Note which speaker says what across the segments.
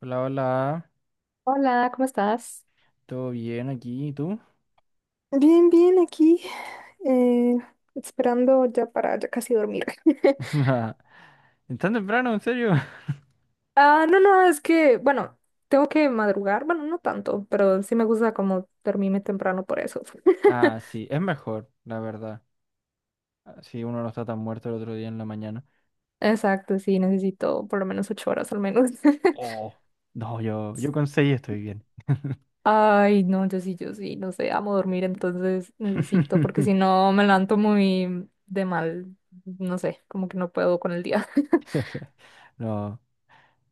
Speaker 1: Hola, hola,
Speaker 2: Hola, ¿cómo estás?
Speaker 1: ¿todo bien aquí? ¿Y tú?
Speaker 2: Bien, bien, aquí, eh, esperando ya para ya casi dormir.
Speaker 1: ¿Es tan temprano, en serio?
Speaker 2: Ah, no, no, es que, bueno, tengo que madrugar, bueno, no tanto, pero sí me gusta como dormirme temprano por eso.
Speaker 1: Ah, sí, es mejor, la verdad. Ah, si uno no está tan muerto el otro día en la mañana.
Speaker 2: Exacto, sí, necesito por lo menos 8 horas al menos.
Speaker 1: Oh, no, yo con seis estoy bien.
Speaker 2: Ay, no, yo sí, yo sí, no sé, amo dormir, entonces necesito, porque si no me levanto muy de mal, no sé, como que no puedo con el día.
Speaker 1: No,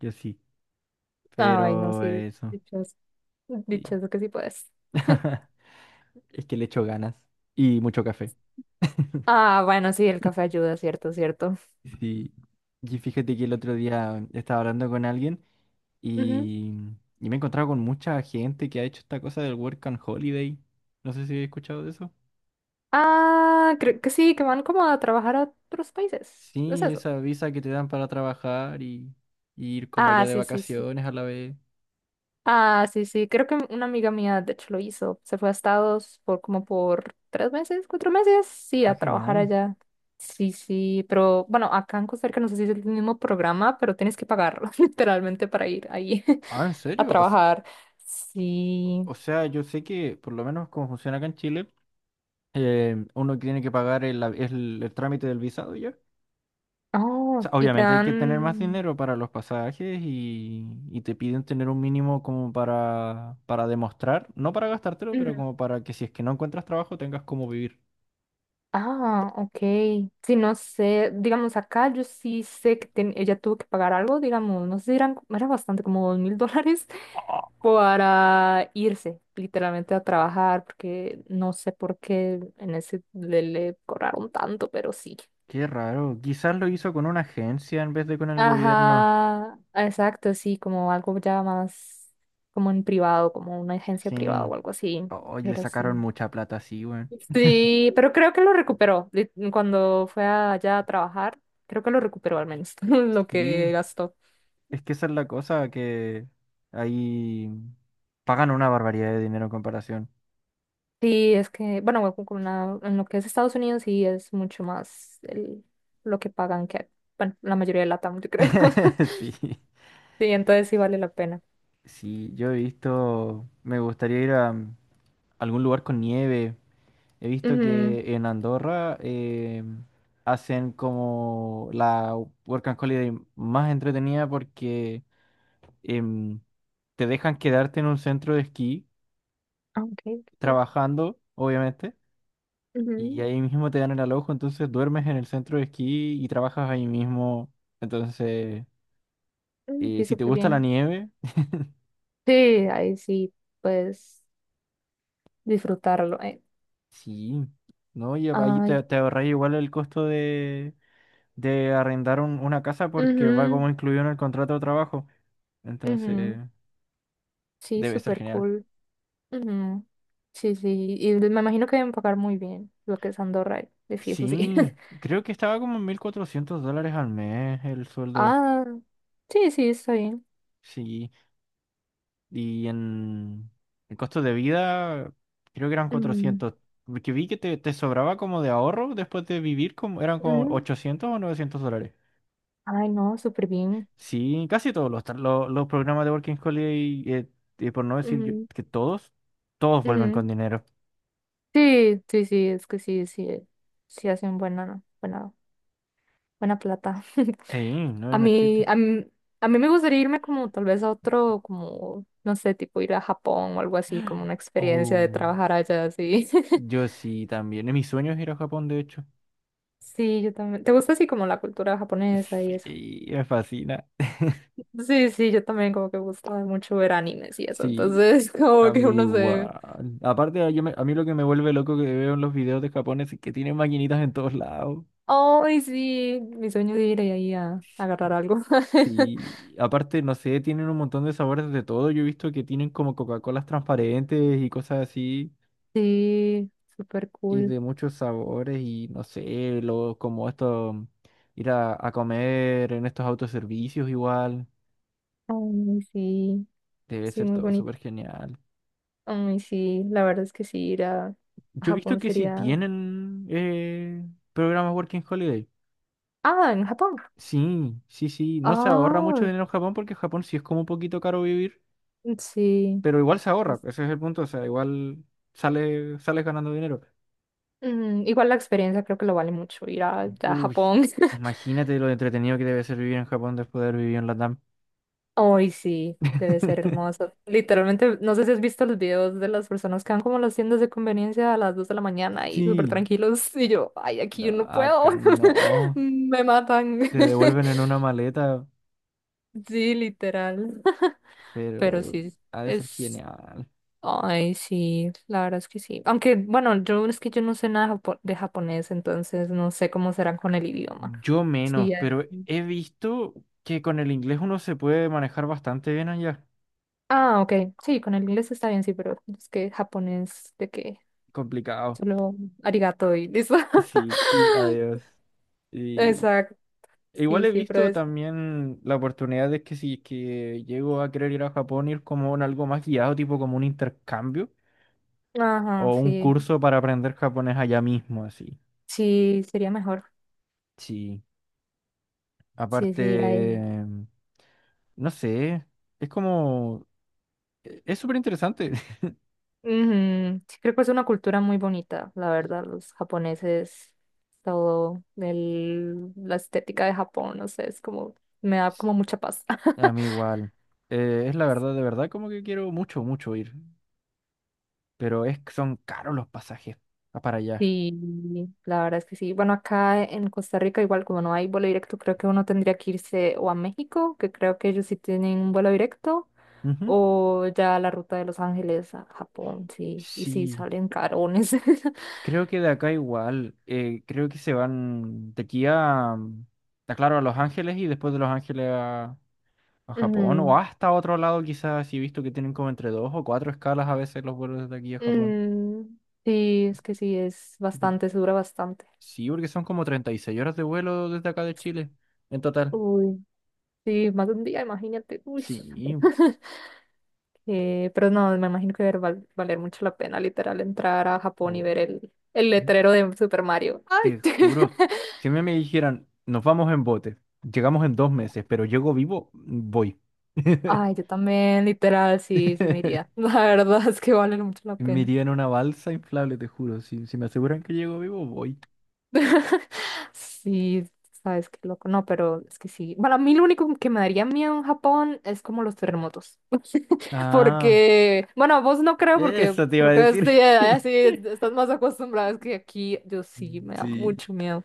Speaker 1: yo sí,
Speaker 2: Ay, no,
Speaker 1: pero
Speaker 2: sí,
Speaker 1: eso,
Speaker 2: dichoso,
Speaker 1: sí.
Speaker 2: dichoso que sí puedes.
Speaker 1: Es que le echo ganas y mucho café.
Speaker 2: Ah, bueno, sí, el café ayuda, cierto, cierto.
Speaker 1: Sí. Y fíjate que el otro día estaba hablando con alguien
Speaker 2: Ujú.
Speaker 1: y, y me he encontrado con mucha gente que ha hecho esta cosa del Work and Holiday. No sé si he escuchado de eso.
Speaker 2: Ah, creo que sí, que van como a trabajar a otros países. ¿Es
Speaker 1: Sí,
Speaker 2: eso?
Speaker 1: esa visa que te dan para trabajar y ir como
Speaker 2: Ah,
Speaker 1: allá de
Speaker 2: sí, sí, sí.
Speaker 1: vacaciones a la vez.
Speaker 2: Ah, sí, sí. Creo que una amiga mía, de hecho, lo hizo. Se fue a Estados por como por 3 meses, 4 meses, sí,
Speaker 1: Ah,
Speaker 2: a trabajar
Speaker 1: genial.
Speaker 2: allá. Sí, sí, pero bueno, acá en Costa Rica no sé si es el mismo programa, pero tienes que pagarlo literalmente para ir ahí
Speaker 1: Ah, ¿en
Speaker 2: a
Speaker 1: serio? O, s-
Speaker 2: trabajar. Sí.
Speaker 1: o sea, yo sé que por lo menos como funciona acá en Chile, uno tiene que pagar el trámite del visado ya.
Speaker 2: Oh,
Speaker 1: Sea,
Speaker 2: y te
Speaker 1: obviamente hay que tener más
Speaker 2: dan...
Speaker 1: dinero para los pasajes y te piden tener un mínimo como para demostrar, no para gastártelo, pero como para que si es que no encuentras trabajo tengas cómo vivir.
Speaker 2: Ah, ok. Sí, no sé, digamos, acá yo sí sé que ella tuvo que pagar algo, digamos, no sé, si eran, era bastante como $2,000 para irse literalmente a trabajar, porque no sé por qué en ese le cobraron tanto, pero sí.
Speaker 1: Qué raro, quizás lo hizo con una agencia en vez de con el gobierno.
Speaker 2: Ajá, exacto, sí, como algo ya más como en privado, como una agencia privada
Speaker 1: Sí,
Speaker 2: o algo así,
Speaker 1: hoy le
Speaker 2: pero
Speaker 1: sacaron
Speaker 2: sí.
Speaker 1: mucha plata, sí, güey.
Speaker 2: Sí, pero creo que lo recuperó cuando fue allá a trabajar. Creo que lo recuperó al menos lo
Speaker 1: Sí,
Speaker 2: que gastó.
Speaker 1: es que esa es la cosa, que ahí pagan una barbaridad de dinero en comparación.
Speaker 2: Sí, es que, bueno, en lo que es Estados Unidos sí es mucho más lo que pagan que, bueno, la mayoría de LATAM, yo creo.
Speaker 1: Sí,
Speaker 2: Sí, entonces sí vale la pena.
Speaker 1: sí, yo he visto, me gustaría ir a algún lugar con nieve. He visto
Speaker 2: Ujú.
Speaker 1: que en Andorra hacen como la Work and Holiday más entretenida porque em, te dejan quedarte en un centro de esquí
Speaker 2: Ah, ok, qué cool.
Speaker 1: trabajando, obviamente, y
Speaker 2: Ujú.
Speaker 1: ahí mismo te dan el alojo, entonces duermes en el centro de esquí y trabajas ahí mismo. Entonces,
Speaker 2: Mm, sí,
Speaker 1: si te
Speaker 2: súper
Speaker 1: gusta la
Speaker 2: bien.
Speaker 1: nieve,
Speaker 2: Sí, ahí sí, pues disfrutarlo.
Speaker 1: sí, ¿no? Y ahí
Speaker 2: Ay,
Speaker 1: te ahorras igual el costo de arrendar una casa porque va como
Speaker 2: ujú,
Speaker 1: incluido en el contrato de trabajo. Entonces,
Speaker 2: ujú. Sí,
Speaker 1: debe ser
Speaker 2: súper
Speaker 1: genial.
Speaker 2: cool. Ujú. Sí, sí, y me imagino que deben pagar muy bien lo que es Andorra, de fijo, sí.
Speaker 1: Sí, creo que estaba como en $1,400 al mes el sueldo.
Speaker 2: Ah, sí, sí, está bien.
Speaker 1: Sí, y en el costo de vida creo que eran
Speaker 2: Ujú,
Speaker 1: 400. Porque vi que te sobraba como de ahorro después de vivir, como eran como
Speaker 2: ujú.
Speaker 1: $800 o $900.
Speaker 2: Ay, no, súper bien.
Speaker 1: Sí, casi todos los, los programas de Working Holiday, por no decir
Speaker 2: Ujú,
Speaker 1: que todos, todos vuelven con
Speaker 2: ujú.
Speaker 1: dinero.
Speaker 2: Sí, sí, sí, es que sí, sí, sí hacen buena, buena, buena plata.
Speaker 1: Sí, no
Speaker 2: A
Speaker 1: hay no es
Speaker 2: mí,
Speaker 1: chiste.
Speaker 2: a mí, a mí me gustaría irme como tal vez a otro, como, no sé, tipo ir a Japón o algo así, como una experiencia de
Speaker 1: Oh,
Speaker 2: trabajar allá, sí.
Speaker 1: yo sí también. En mis sueños ir a Japón, de hecho.
Speaker 2: Sí, yo también. ¿Te gusta así como la cultura japonesa y eso?
Speaker 1: Sí, me fascina.
Speaker 2: Sí, sí, yo también como que me gustaba mucho ver animes y eso,
Speaker 1: Sí,
Speaker 2: entonces como
Speaker 1: a
Speaker 2: que
Speaker 1: mí
Speaker 2: uno se...
Speaker 1: igual. Aparte, a mí lo que me vuelve loco que veo en los videos de Japón es que tienen maquinitas en todos lados.
Speaker 2: Ay, sí, mi sueño es ir ahí a, agarrar algo.
Speaker 1: Y aparte, no sé, tienen un montón de sabores de todo. Yo he visto que tienen como Coca-Colas transparentes y cosas así.
Speaker 2: Sí, súper
Speaker 1: Y
Speaker 2: cool.
Speaker 1: de muchos sabores y no sé, lo, como esto, ir a comer en estos autoservicios igual.
Speaker 2: Ay, sí,
Speaker 1: Debe
Speaker 2: sí,
Speaker 1: ser
Speaker 2: muy
Speaker 1: todo súper
Speaker 2: bonito.
Speaker 1: genial.
Speaker 2: Ay, sí, la verdad es que sí, ir a,
Speaker 1: Yo he visto
Speaker 2: Japón
Speaker 1: que sí
Speaker 2: sería...
Speaker 1: tienen programas Working Holiday.
Speaker 2: Ah, en Japón.
Speaker 1: Sí, sí, sí. No se ahorra mucho
Speaker 2: Ah,
Speaker 1: dinero en Japón porque en Japón sí es como un poquito caro vivir,
Speaker 2: sí,
Speaker 1: pero igual se ahorra.
Speaker 2: sí.
Speaker 1: Ese es el punto. O sea, igual sales ganando dinero.
Speaker 2: Mm, igual la experiencia creo que lo vale mucho ir a
Speaker 1: Uy,
Speaker 2: Japón.
Speaker 1: imagínate lo entretenido que debe ser vivir en Japón después de haber vivido en Latam.
Speaker 2: Ay, sí, debe ser hermoso. Literalmente, no sé si has visto los videos de las personas que van como a las tiendas de conveniencia a las 2 de la mañana y súper
Speaker 1: Sí,
Speaker 2: tranquilos. Y yo, ay, aquí
Speaker 1: no,
Speaker 2: yo no puedo.
Speaker 1: acá no.
Speaker 2: Me matan.
Speaker 1: Te devuelven en una maleta,
Speaker 2: Sí, literal. Pero
Speaker 1: pero
Speaker 2: sí,
Speaker 1: ha de ser
Speaker 2: es...
Speaker 1: genial.
Speaker 2: Ay, sí, la verdad es que sí. Aunque, bueno, yo es que yo no sé nada de japonés, entonces no sé cómo serán con el idioma.
Speaker 1: Yo menos,
Speaker 2: Sí.
Speaker 1: pero he visto que con el inglés uno se puede manejar bastante bien allá.
Speaker 2: Ah, ok. Sí, con el inglés está bien, sí, pero es que japonés, ¿de qué?
Speaker 1: Complicado.
Speaker 2: Solo arigato y listo.
Speaker 1: Sí, y adiós. Y
Speaker 2: Exacto.
Speaker 1: igual
Speaker 2: Sí,
Speaker 1: he
Speaker 2: sí, pero
Speaker 1: visto
Speaker 2: es.
Speaker 1: también la oportunidad de que si es que llego a querer ir a Japón, ir como en algo más guiado, tipo como un intercambio o
Speaker 2: Ajá,
Speaker 1: un
Speaker 2: sí.
Speaker 1: curso para aprender japonés allá mismo, así.
Speaker 2: Sí, sería mejor.
Speaker 1: Sí.
Speaker 2: Sí,
Speaker 1: Aparte,
Speaker 2: sí, ir ahí.
Speaker 1: no sé, es como, es súper interesante.
Speaker 2: Ujú. Sí, creo que es una cultura muy bonita, la verdad. Los japoneses, todo la estética de Japón, no sé, es como. Me da como mucha paz.
Speaker 1: A mí igual. Es la verdad, de verdad, como que quiero mucho, mucho ir. Pero es que son caros los pasajes para allá.
Speaker 2: Sí, la verdad es que sí. Bueno, acá en Costa Rica, igual como no hay vuelo directo, creo que uno tendría que irse o a México, que creo que ellos sí tienen un vuelo directo,
Speaker 1: Ujú.
Speaker 2: o ya la ruta de Los Ángeles a Japón, sí. Y sí,
Speaker 1: Sí,
Speaker 2: salen carones.
Speaker 1: creo que de acá igual. Creo que se van de aquí claro, a Los Ángeles y después de Los Ángeles a Japón o
Speaker 2: Mm,
Speaker 1: hasta otro lado quizás. Si he visto que tienen como entre dos o cuatro escalas a veces los vuelos desde aquí a Japón.
Speaker 2: mm, sí, es que sí, es
Speaker 1: Por-
Speaker 2: bastante, se dura bastante.
Speaker 1: Sí, porque son como 36 horas de vuelo desde acá de Chile en total.
Speaker 2: Uy, sí, más de un día, imagínate. Uy.
Speaker 1: Sí.
Speaker 2: Pero no, me imagino que debe valer mucho la pena, literal, entrar a Japón y
Speaker 1: Oh.
Speaker 2: ver el letrero de Super Mario. Ay,
Speaker 1: Te juro, si a mí me dijeran, nos vamos en bote, llegamos en 2 meses, pero llego vivo, voy.
Speaker 2: ay, yo también, literal, sí, sí me iría. La verdad es que vale mucho la
Speaker 1: Me
Speaker 2: pena.
Speaker 1: iría en una balsa inflable, te juro. Si me aseguran que llego vivo, voy.
Speaker 2: Sí, sabes qué loco. No, pero es que sí. Bueno, a mí lo único que me daría miedo en Japón es como los terremotos.
Speaker 1: Ah,
Speaker 2: Porque, bueno, vos no creo, porque
Speaker 1: eso te iba a
Speaker 2: creo que sí,
Speaker 1: decir.
Speaker 2: allá sí estás más acostumbrada. Es que aquí yo sí me da
Speaker 1: Sí.
Speaker 2: mucho miedo.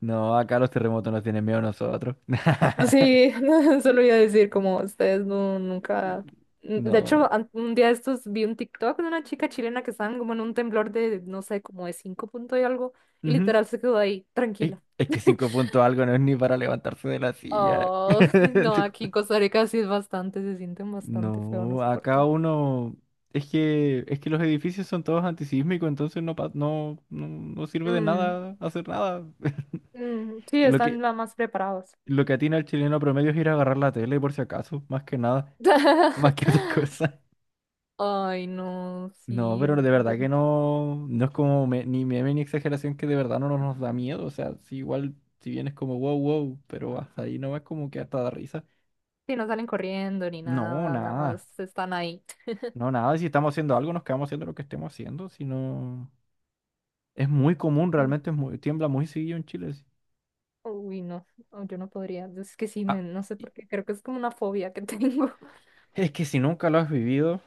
Speaker 1: No, acá los terremotos nos tienen miedo a nosotros.
Speaker 2: Sí, solo iba a decir como ustedes no, nunca. De hecho,
Speaker 1: No.
Speaker 2: un día de estos vi un TikTok de una chica chilena que estaba como en un temblor de, no sé, como de 5 puntos y algo, y
Speaker 1: Ujú.
Speaker 2: literal se quedó ahí,
Speaker 1: Ey,
Speaker 2: tranquila.
Speaker 1: es que cinco puntos algo no es ni para levantarse de la silla.
Speaker 2: Oh, no, aquí en Costa Rica sí es bastante, se sienten bastante feo, no
Speaker 1: No,
Speaker 2: sé por
Speaker 1: acá
Speaker 2: qué.
Speaker 1: uno. Es que los edificios son todos antisísmicos, entonces no, no, no, no sirve de
Speaker 2: Mm,
Speaker 1: nada hacer nada.
Speaker 2: mm, sí,
Speaker 1: Lo
Speaker 2: están
Speaker 1: que,
Speaker 2: la más preparados.
Speaker 1: lo que atina al chileno promedio es ir a agarrar la tele por si acaso, más que nada, más que otra cosa.
Speaker 2: Ay, no,
Speaker 1: No,
Speaker 2: sí,
Speaker 1: pero de
Speaker 2: no,
Speaker 1: verdad que no, no es como ni meme ni exageración que de verdad no nos da miedo. O sea, si igual, si bien es como wow, wow, pero hasta ahí no es como que hasta da risa.
Speaker 2: sí, no salen corriendo ni
Speaker 1: No,
Speaker 2: nada, nada
Speaker 1: nada.
Speaker 2: más están ahí.
Speaker 1: No, nada. Si estamos haciendo algo, nos quedamos haciendo lo que estemos haciendo. Si no. Es muy común,
Speaker 2: Mm.
Speaker 1: realmente es tiembla muy seguido en Chile. Sí.
Speaker 2: Uy, no, no, yo no podría, es que sí, me,
Speaker 1: Ah,
Speaker 2: no sé
Speaker 1: y-
Speaker 2: por qué, creo que es como una fobia que tengo.
Speaker 1: es que si nunca lo has vivido,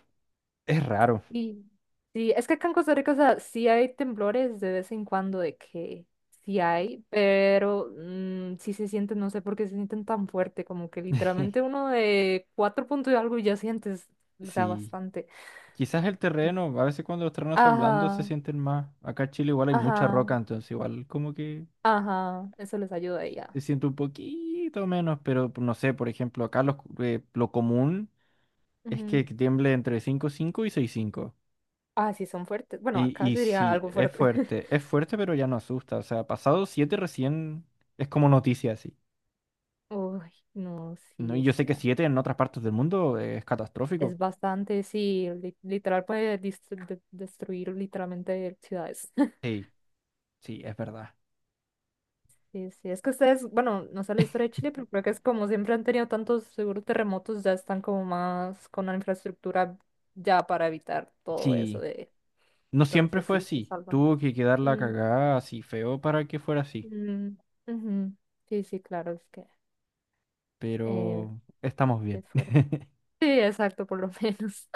Speaker 1: es raro.
Speaker 2: Y sí, es que acá en Costa Rica, o sea, sí hay temblores de vez en cuando de que sí hay, pero sí se sienten, no sé por qué se sienten tan fuerte, como que literalmente uno de 4 puntos y algo y ya sientes, o sea,
Speaker 1: Sí,
Speaker 2: bastante.
Speaker 1: quizás el terreno, a veces cuando los terrenos son blandos se
Speaker 2: Ajá,
Speaker 1: sienten más. Acá en Chile igual hay mucha
Speaker 2: ajá,
Speaker 1: roca, entonces igual como que
Speaker 2: ajá, eso les ayuda y ya.
Speaker 1: se siente un poquito menos, pero no sé, por ejemplo, acá lo común es que
Speaker 2: Ujú.
Speaker 1: tiemble entre 5,5 y 6,5.
Speaker 2: Ah, sí, son fuertes. Bueno,
Speaker 1: Y,
Speaker 2: acá
Speaker 1: y
Speaker 2: sería
Speaker 1: sí,
Speaker 2: algo fuerte.
Speaker 1: es fuerte, pero ya no asusta. O sea, pasado 7 recién es como noticia, sí.
Speaker 2: Uy, no,
Speaker 1: No,
Speaker 2: sí,
Speaker 1: y yo
Speaker 2: es
Speaker 1: sé
Speaker 2: que
Speaker 1: que siete en otras partes del mundo es catastrófico.
Speaker 2: es bastante, sí, literal puede destruir literalmente ciudades.
Speaker 1: Sí, sí, es verdad.
Speaker 2: Sí, sí, es que ustedes, bueno, no sé la historia de Chile, pero creo que es como siempre han tenido tantos seguros terremotos, ya están como más con la infraestructura ya para evitar todo eso
Speaker 1: Sí,
Speaker 2: de...
Speaker 1: no siempre
Speaker 2: Entonces
Speaker 1: fue
Speaker 2: sí, se
Speaker 1: así.
Speaker 2: salvan.
Speaker 1: Tuvo que quedar la
Speaker 2: Mm,
Speaker 1: cagada así feo para que fuera así.
Speaker 2: mm, ujú. Sí, sí, claro, es que eh,
Speaker 1: Pero estamos bien.
Speaker 2: es fuerte. Sí, exacto, por lo menos.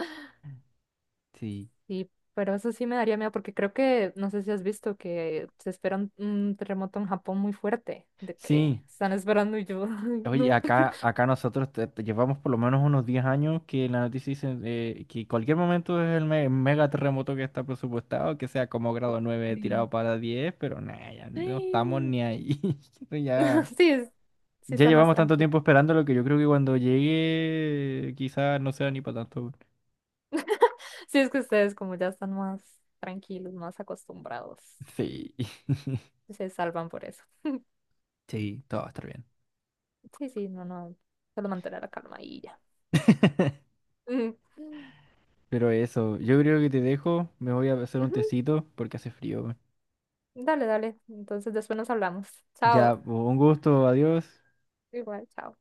Speaker 1: Sí,
Speaker 2: Sí, pero eso sí me daría miedo porque creo que, no sé si has visto que se espera un, terremoto en Japón muy fuerte, de que
Speaker 1: sí.
Speaker 2: están esperando y yo, ay,
Speaker 1: Oye,
Speaker 2: no.
Speaker 1: acá nosotros te llevamos por lo menos unos 10 años que la noticia dice que cualquier momento es el mega terremoto que está presupuestado, que sea como grado 9 tirado para 10, pero nada, ya no estamos
Speaker 2: Sí.
Speaker 1: ni ahí. Esto ya.
Speaker 2: Sí, sí
Speaker 1: Ya
Speaker 2: están más
Speaker 1: llevamos tanto
Speaker 2: tranquilos.
Speaker 1: tiempo esperándolo que yo creo que cuando llegue quizás no sea ni para tanto, weón.
Speaker 2: Sí, es que ustedes como ya están más tranquilos, más acostumbrados,
Speaker 1: Sí,
Speaker 2: se salvan por eso.
Speaker 1: sí, todo va a estar bien.
Speaker 2: Sí, sí, no, no, solo mantener la calma y ya. Mm.
Speaker 1: Pero eso, yo creo que te dejo, me voy a hacer un
Speaker 2: Ujú,
Speaker 1: tecito porque hace frío, weón.
Speaker 2: dale, dale. Entonces después nos hablamos.
Speaker 1: Ya,
Speaker 2: Chao.
Speaker 1: un gusto, adiós.
Speaker 2: Igual, chao.